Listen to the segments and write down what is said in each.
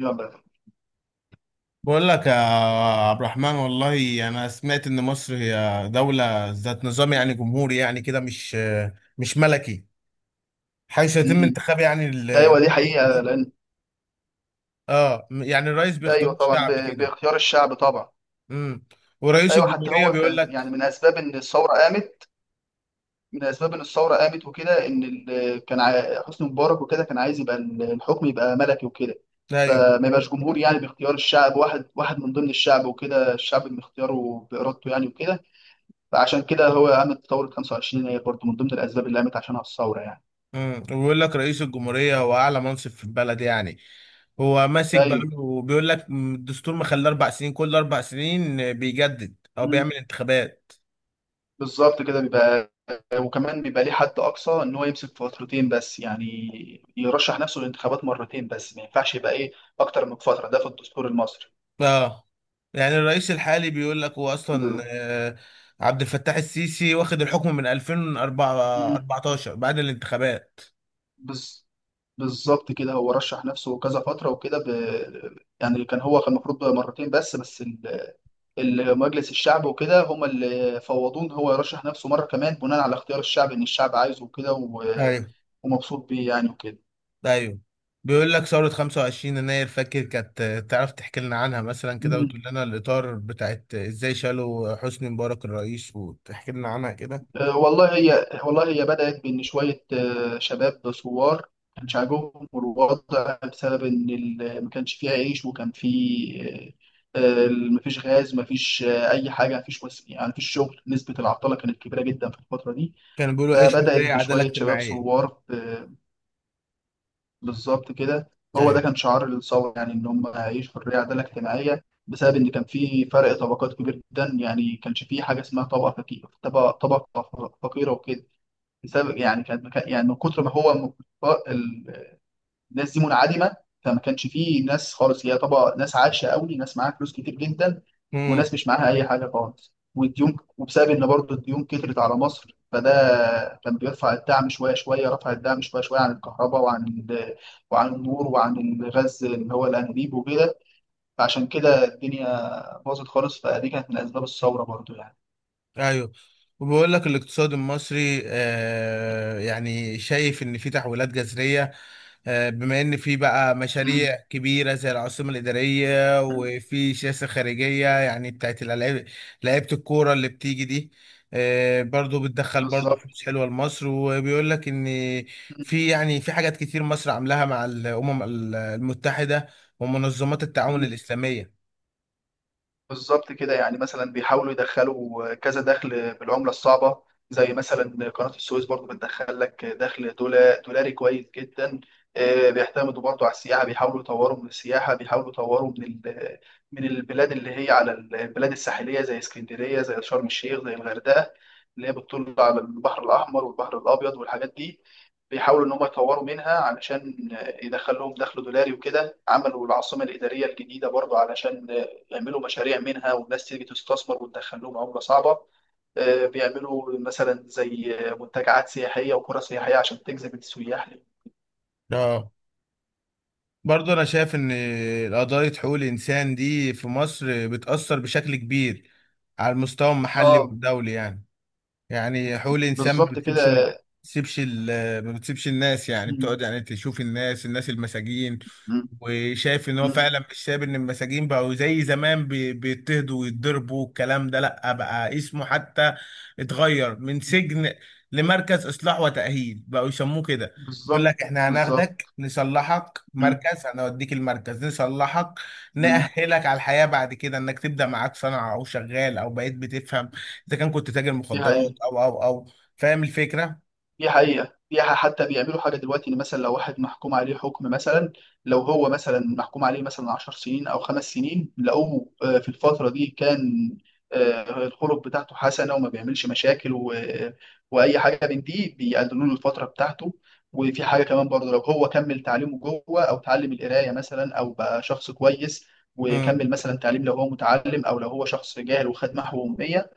يلا. بقول لك يا عبد الرحمن، والله انا سمعت ان مصر هي دولة ذات نظام يعني جمهوري، يعني كده مش ملكي. حيث يتم مم. انتخاب يعني ايوه، دي الرئيس حقيقه. كده. لان اه يعني الرئيس بيختار ايوه طبعا الشعب كده. باختيار الشعب طبعا. امم ورئيس ايوه، حتى الجمهورية هو بيقول لك يعني من اسباب ان الثوره قامت، من اسباب ان الثوره قامت وكده، ان كان حسني مبارك وكده كان عايز يبقى الحكم يبقى ملكي وكده، ايوه. فما يبقاش جمهور يعني باختيار الشعب، واحد واحد من ضمن الشعب وكده، الشعب من اختياره بارادته يعني وكده. فعشان كده هو قامت ثوره 25، هي برضه من ضمن الاسباب اللي قامت عشانها الثوره يعني. وبيقول لك رئيس الجمهورية هو اعلى منصب في البلد، يعني هو ماسك بقى. ايوه، وبيقول لك الدستور مخليه 4 سنين، كل 4 سنين بيجدد او بيعمل انتخابات. بالظبط كده بيبقى. وكمان بيبقى ليه حد اقصى ان هو يمسك فترتين بس يعني، يرشح نفسه للانتخابات مرتين بس، ما ينفعش يبقى ايه اكتر من فتره، ده في الدستور المصري. اه يعني الرئيس الحالي بيقول لك هو اصلا ب... عبد الفتاح السيسي واخد الحكم من مم. 2014 بعد الانتخابات. بز... بالظبط كده، هو رشح نفسه كذا فتره وكده. يعني كان هو كان المفروض بقى مرتين بس مجلس الشعب وكده هم اللي فوضوه ان هو يرشح نفسه مره كمان، بناء على اختيار الشعب ان الشعب عايزه وكده ايوه، ومبسوط بيه يعني وكده. ايوه. بيقول لك ثورة 25 يناير، فاكر كانت تعرف تحكي لنا عنها مثلا كده، وتقول لنا الإطار بتاعت ازاي شالوا حسني مبارك الرئيس، وتحكي لنا عنها كده. والله هي بدأت بإن شوية شباب ثوار، ما كانش عاجبهم الوضع، بسبب إن ما كانش فيه عيش، وكان فيه آه، مفيش غاز، مفيش أي حاجة، مفيش يعني مفيش شغل، نسبة العطلة كانت كبيرة جدا في الفترة دي. كانوا بيقولوا ايش؟ فبدأت حرية عدالة بشوية شباب اجتماعية. ثوار. بالظبط كده، هو ده ايوه، كان شعار الثورة يعني، إن هم يعيشوا حرية عدالة اجتماعية، بسبب إن كان في فرق طبقات كبير جدا يعني. كانش في حاجة اسمها طبقة فقيرة، طبقة فقيرة وكده، بسبب يعني كانت مكان يعني من كتر ما هو ال- الناس دي منعدمه، فما كانش فيه ناس خالص. هي طبعا ناس عايشه قوي، ناس معاها فلوس كتير جدا، امم، وناس مش معاها اي حاجه خالص، والديون. وبسبب ان برضه الديون كترت على مصر، فده كان بيرفع الدعم شويه شويه، رفع الدعم شويه شويه عن الكهرباء، وعن وعن النور، وعن الغاز اللي هو الانابيب وكده. فعشان كده الدنيا باظت خالص، فدي كانت من اسباب الثوره برضه يعني. ايوه. وبيقول لك الاقتصاد المصري يعني شايف ان في تحولات جذريه، بما ان في بقى امم. مشاريع كبيره زي العاصمه الاداريه، وفي سياسه خارجيه يعني بتاعت الالعاب، لعيبه الكوره اللي بتيجي دي. برضو بتدخل برضو بالظبط. فلوس حلوه لمصر. وبيقول لك ان في يعني في حاجات كتير مصر عاملاها مع الامم المتحده ومنظمات التعاون مم. الاسلاميه. بالظبط كده يعني، مثلا بيحاولوا يدخلوا كذا دخل بالعملة الصعبة. زي مثلا قناة السويس برضو، بتدخل لك دخل دولاري كويس جدا. بيعتمدوا برضو على السياحة، بيحاولوا يطوروا من السياحة، بيحاولوا يطوروا من من البلاد اللي هي على البلاد الساحلية، زي اسكندرية، زي شرم الشيخ، زي الغردقة، اللي هي بتطل على البحر الأحمر والبحر الأبيض والحاجات دي. بيحاولوا إن هم يطوروا منها علشان يدخل لهم دخل دولاري وكده. عملوا العاصمة الإدارية الجديدة برضو علشان بيعملوا مشاريع منها، والناس تيجي تستثمر وتدخل لهم عملة صعبة. بيعملوا مثلا زي منتجعات سياحية وقرى سياحية عشان تجذب السياح ليه. اه برضو انا شايف ان قضايا حقوق الانسان دي في مصر بتاثر بشكل كبير على المستوى المحلي اه، والدولي يعني. يعني حقوق الانسان ما بالظبط بتسيبش ما كده. بتسيبش ال- ما بتسيبش الناس، يعني مم. بتقعد يعني تشوف الناس المساجين. مم. وشايف ان هو مم. فعلا مش ساب ان المساجين بقوا زي زمان بيضطهدوا ويتضربوا، والكلام ده لا بقى اسمه حتى اتغير من سجن لمركز اصلاح وتأهيل بقوا يسموه كده. بيقول بالظبط. لك احنا هناخدك بالظبط. نصلحك، مم. مركز هنوديك المركز نصلحك مم. نأهلك على الحياة بعد كده، انك تبدأ معاك صنعة او شغال او بقيت بتفهم اذا كان كنت تاجر دي مخدرات حقيقة، او او او، فاهم الفكره. دي حقيقة. حتى بيعملوا حاجة دلوقتي، إن مثلا لو واحد محكوم عليه حكم مثلا، لو هو مثلا محكوم عليه مثلا 10 سنين أو خمس سنين، لقوه في الفترة دي كان الخلق بتاعته حسنة، وما بيعملش مشاكل وأي حاجة من دي، بيقللوا له الفترة بتاعته. وفي حاجة كمان برضه، لو هو كمل تعليمه جوه، أو تعلم القراية مثلا، أو بقى شخص كويس امم وكمل مثلا تعليم لو هو متعلم، أو لو هو شخص جاهل وخد محو أمية،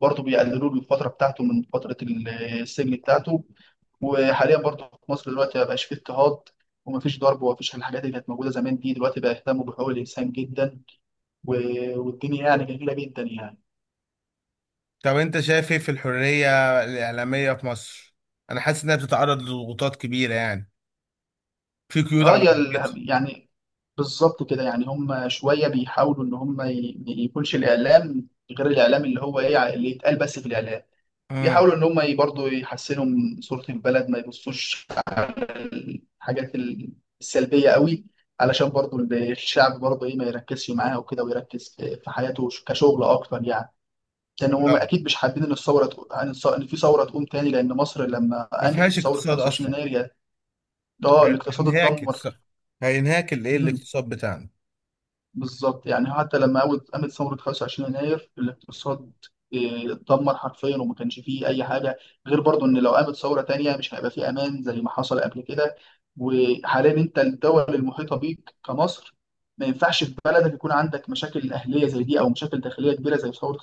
برضه بيقللوا له الفترة بتاعته من فترة السجن بتاعته. وحاليا برضه في مصر دلوقتي ما بقاش فيه اضطهاد، ومفيش ضرب، ومفيش الحاجات اللي كانت موجوده زمان دي. دلوقتي بقى يهتموا بحقوق الانسان جدا، والدنيا يعني جميله جدا يعني. طب انت شايف ايه في الحريه الاعلاميه في مصر؟ انا حاسس انها بتتعرض لضغوطات كبيره، يعني في قيود اه، على يا حريتها. يعني بالظبط كده يعني. هم شويه بيحاولوا ان هم ما يكونش الاعلام غير الاعلام اللي هو ايه اللي يتقال بس في الاعلام. امم بيحاولوا ان هم برضه يحسنوا من صوره البلد، ما يبصوش على الحاجات السلبيه قوي، علشان برضه الشعب برضه ايه ما يركزش معاها وكده، ويركز في في حياته كشغل اكتر يعني. لان هم اكيد مش حابين ان الثوره ان إن في ثوره تقوم تاني، لان مصر لما ما قامت فيهاش الثوره اقتصاد 25 اصلا. يناير ده الاقتصاد هينهاك اتدمر. اقتصاد، هينهاك الايه الاقتصاد بتاعنا. بالظبط، يعني حتى لما قامت ثورة 25 يناير الاقتصاد اتدمر حرفيا، وما كانش فيه أي حاجة. غير برضو إن لو قامت ثورة تانية، مش هيبقى فيه أمان زي ما حصل قبل كده. وحاليا أنت الدول المحيطة بيك كمصر، ما ينفعش في بلدك يكون عندك مشاكل أهلية زي دي، أو مشاكل داخلية كبيرة زي ثورة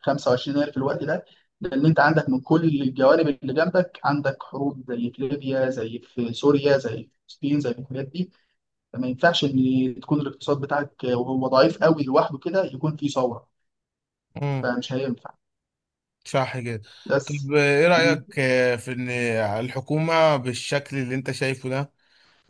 25 يناير في الوقت ده. لأن أنت عندك من كل الجوانب اللي جنبك، عندك حروب زي في ليبيا، زي في سوريا، زي في فلسطين، زي في الحاجات دي. فما ينفعش ان تكون الاقتصاد بتاعك وهو ضعيف قوي لوحده كده يكون فيه ثوره. امم، فمش هينفع. صح كده. طب بس. ايه مم. رايك في ان الحكومه بالشكل اللي انت شايفه ده،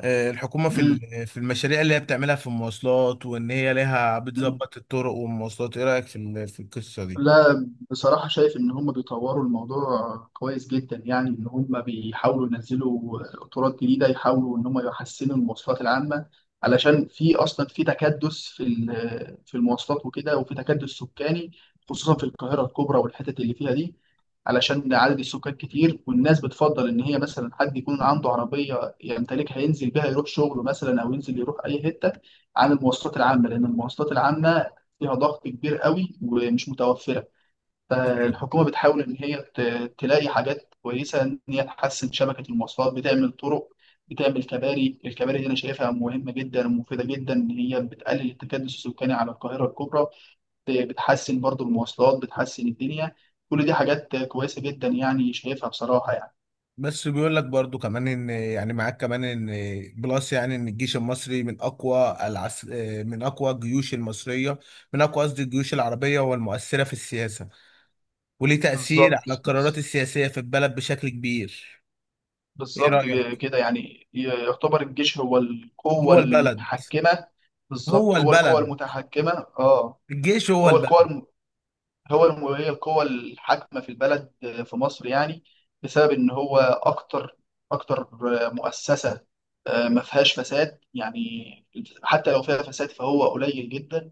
الحكومة في في المشاريع اللي هي بتعملها في المواصلات، وإن هي لها مم. بتظبط الطرق والمواصلات، إيه رأيك في في القصة دي؟ لا، بصراحة شايف إن هم بيطوروا الموضوع كويس جدا يعني، إن هم بيحاولوا ينزلوا قطارات جديدة، يحاولوا إن هم يحسنوا المواصلات العامة، علشان في أصلا في تكدس في في المواصلات وكده، وفي تكدس سكاني، خصوصا في القاهرة الكبرى والحتت اللي فيها دي. علشان عدد السكان كتير، والناس بتفضل إن هي مثلا حد يكون عنده عربية يمتلكها، ينزل بيها يروح شغله مثلا، أو ينزل يروح أي حتة، عن المواصلات العامة. لأن المواصلات العامة فيها ضغط كبير قوي، ومش متوفرة. فالحكومة بتحاول إن هي تلاقي حاجات كويسة، إن هي تحسن شبكة المواصلات، بتعمل طرق، بتعمل كباري. الكباري دي أنا شايفها مهمة جدا ومفيدة جدا، إن هي بتقلل التكدس السكاني على القاهرة الكبرى. بتحسن برضو المواصلات، بتحسن الدنيا. كل دي حاجات كويسة جدا يعني، شايفها بصراحة يعني. بس بيقول لك برضو كمان ان يعني معاك كمان ان بلس يعني ان الجيش المصري من اقوى العس... آه، من اقوى الجيوش المصريه، من اقوى قصدي الجيوش العربيه والمؤثره في السياسه، وليه تاثير على بالظبط. القرارات السياسيه في البلد بشكل كبير. ايه بالظبط رايك؟ كده، يعني يعتبر الجيش هو القوة هو البلد، المتحكمة. هو بالظبط، هو القوة البلد، المتحكمة. اه، الجيش هو هو القوى البلد. الم... هي القوى الحاكمة في البلد، في مصر يعني، بسبب إن هو أكتر. أكتر مؤسسة ما فيهاش فساد يعني. حتى لو فيها فساد فهو قليل جدا.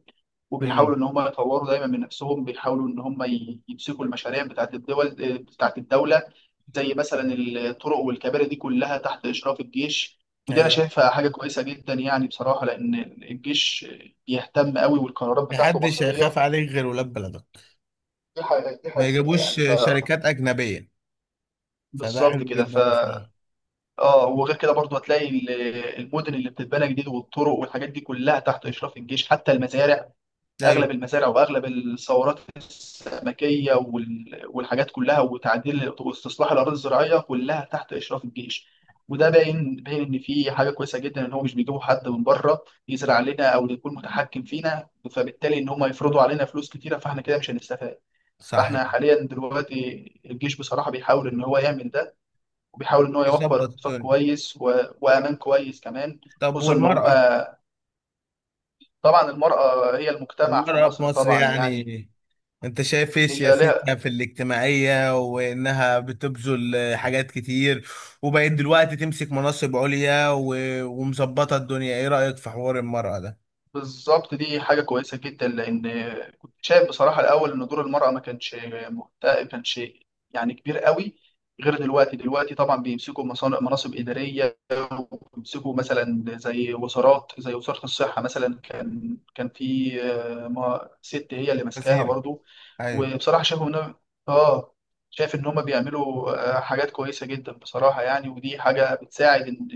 امم، وبيحاولوا إن هم يطوروا دايما من نفسهم، بيحاولوا إن هم يمسكوا المشاريع بتاعت الدول بتاعت الدولة. زي مثلا الطرق والكباري دي كلها تحت إشراف الجيش. ودي أنا ايوه. شايفها حاجة كويسة جدا يعني بصراحة، لأن الجيش بيهتم قوي، والقرارات بتاعته محدش مصيرية. هيخاف عليك غير ولاد بلدك، دي حقيقة، دي ما حقيقة يجيبوش يعني، ف شركات أجنبية، فده بالظبط حلو كده. جدا ف بصراحة. اه، وغير كده برضو هتلاقي المدن اللي بتتبنى جديد، والطرق والحاجات دي كلها تحت إشراف الجيش. حتى المزارع، أيوه، أغلب المزارع وأغلب الثورات السمكية والحاجات كلها، وتعديل واستصلاح الأراضي الزراعية كلها تحت إشراف الجيش. وده باين، باين إن في حاجة كويسة جدا، إن هو مش بيجيبوا حد من بره يزرع لنا، أو يكون متحكم فينا، فبالتالي إن هم يفرضوا علينا فلوس كتيرة، فإحنا كده مش هنستفاد. صح فاحنا كده، حاليا دلوقتي، الجيش بصراحة بيحاول ان هو يعمل ده، وبيحاول ان هو يوفر يظبط اقتصاد الدنيا. كويس وامان كويس كمان. طب خصوصا ان والمرأة، هما، طبعا المرأة هي المجتمع في المرأة في مصر مصر طبعا يعني. يعني أنت شايف إيه هي لها. سياستها في الاجتماعية؟ وإنها بتبذل حاجات كتير، وبقت دلوقتي تمسك مناصب عليا و... ومظبطة الدنيا، إيه رأيك في حوار المرأة ده؟ بالظبط، دي حاجة كويسة جدا، لأن كنت شايف بصراحة الأول إن دور المرأة ما كانش ما كانش يعني كبير قوي. غير دلوقتي، دلوقتي طبعا بيمسكوا مناصب إدارية، وبيمسكوا مثلا زي وزارات، زي وزارة الصحة مثلا، كان في ست هي اللي ماسكاها كثير، برضو. أيوه. وبصراحة شايفهم إن آه شايف إن هما بيعملوا حاجات كويسة جدا بصراحة يعني. ودي حاجة بتساعد، إن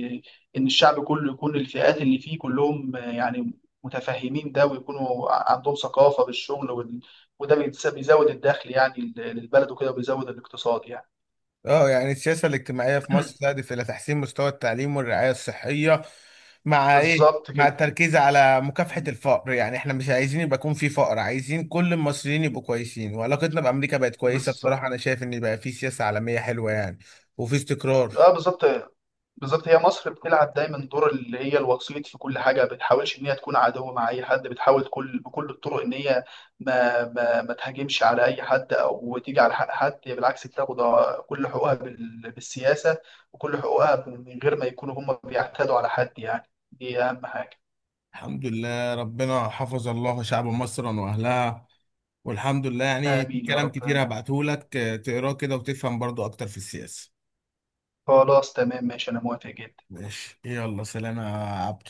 إن الشعب كله يكون الفئات اللي فيه كلهم يعني متفهمين ده، ويكونوا عندهم ثقافة بالشغل وده بيزود الدخل يعني للبلد وكده، وبيزود الاقتصاد يعني. اه يعني السياسة الاجتماعية في مصر تهدف إلى تحسين مستوى التعليم والرعاية الصحية، مع إيه؟ بالظبط مع كده. التركيز على مكافحة الفقر، يعني إحنا مش عايزين يبقى يكون في فقر، عايزين كل المصريين يبقوا كويسين. وعلاقتنا بأمريكا بقت كويسة بصراحة، بالظبط. أنا شايف إن بقى في سياسة عالمية حلوة يعني، وفي استقرار. اه، بالظبط. بالظبط، هي مصر بتلعب دايما دور اللي هي الوسيط في كل حاجه. ما بتحاولش ان هي تكون عدو مع اي حد، بتحاول بكل الطرق ان هي ما ما تهاجمش على اي حد، او تيجي على حق حد. هي بالعكس بتاخد كل حقوقها بالسياسه، وكل حقوقها من غير ما يكونوا هم بيعتدوا على حد يعني. دي اهم حاجه. الحمد لله، ربنا حفظ الله شعب مصر وأهلها، والحمد لله. يعني في امين يا كلام رب، كتير آمين. هبعته لك تقراه كده وتفهم برضو أكتر في السياسة. خلاص تمام، ماشي، انا موافق جدا. ماشي، يلا، سلام يا عبد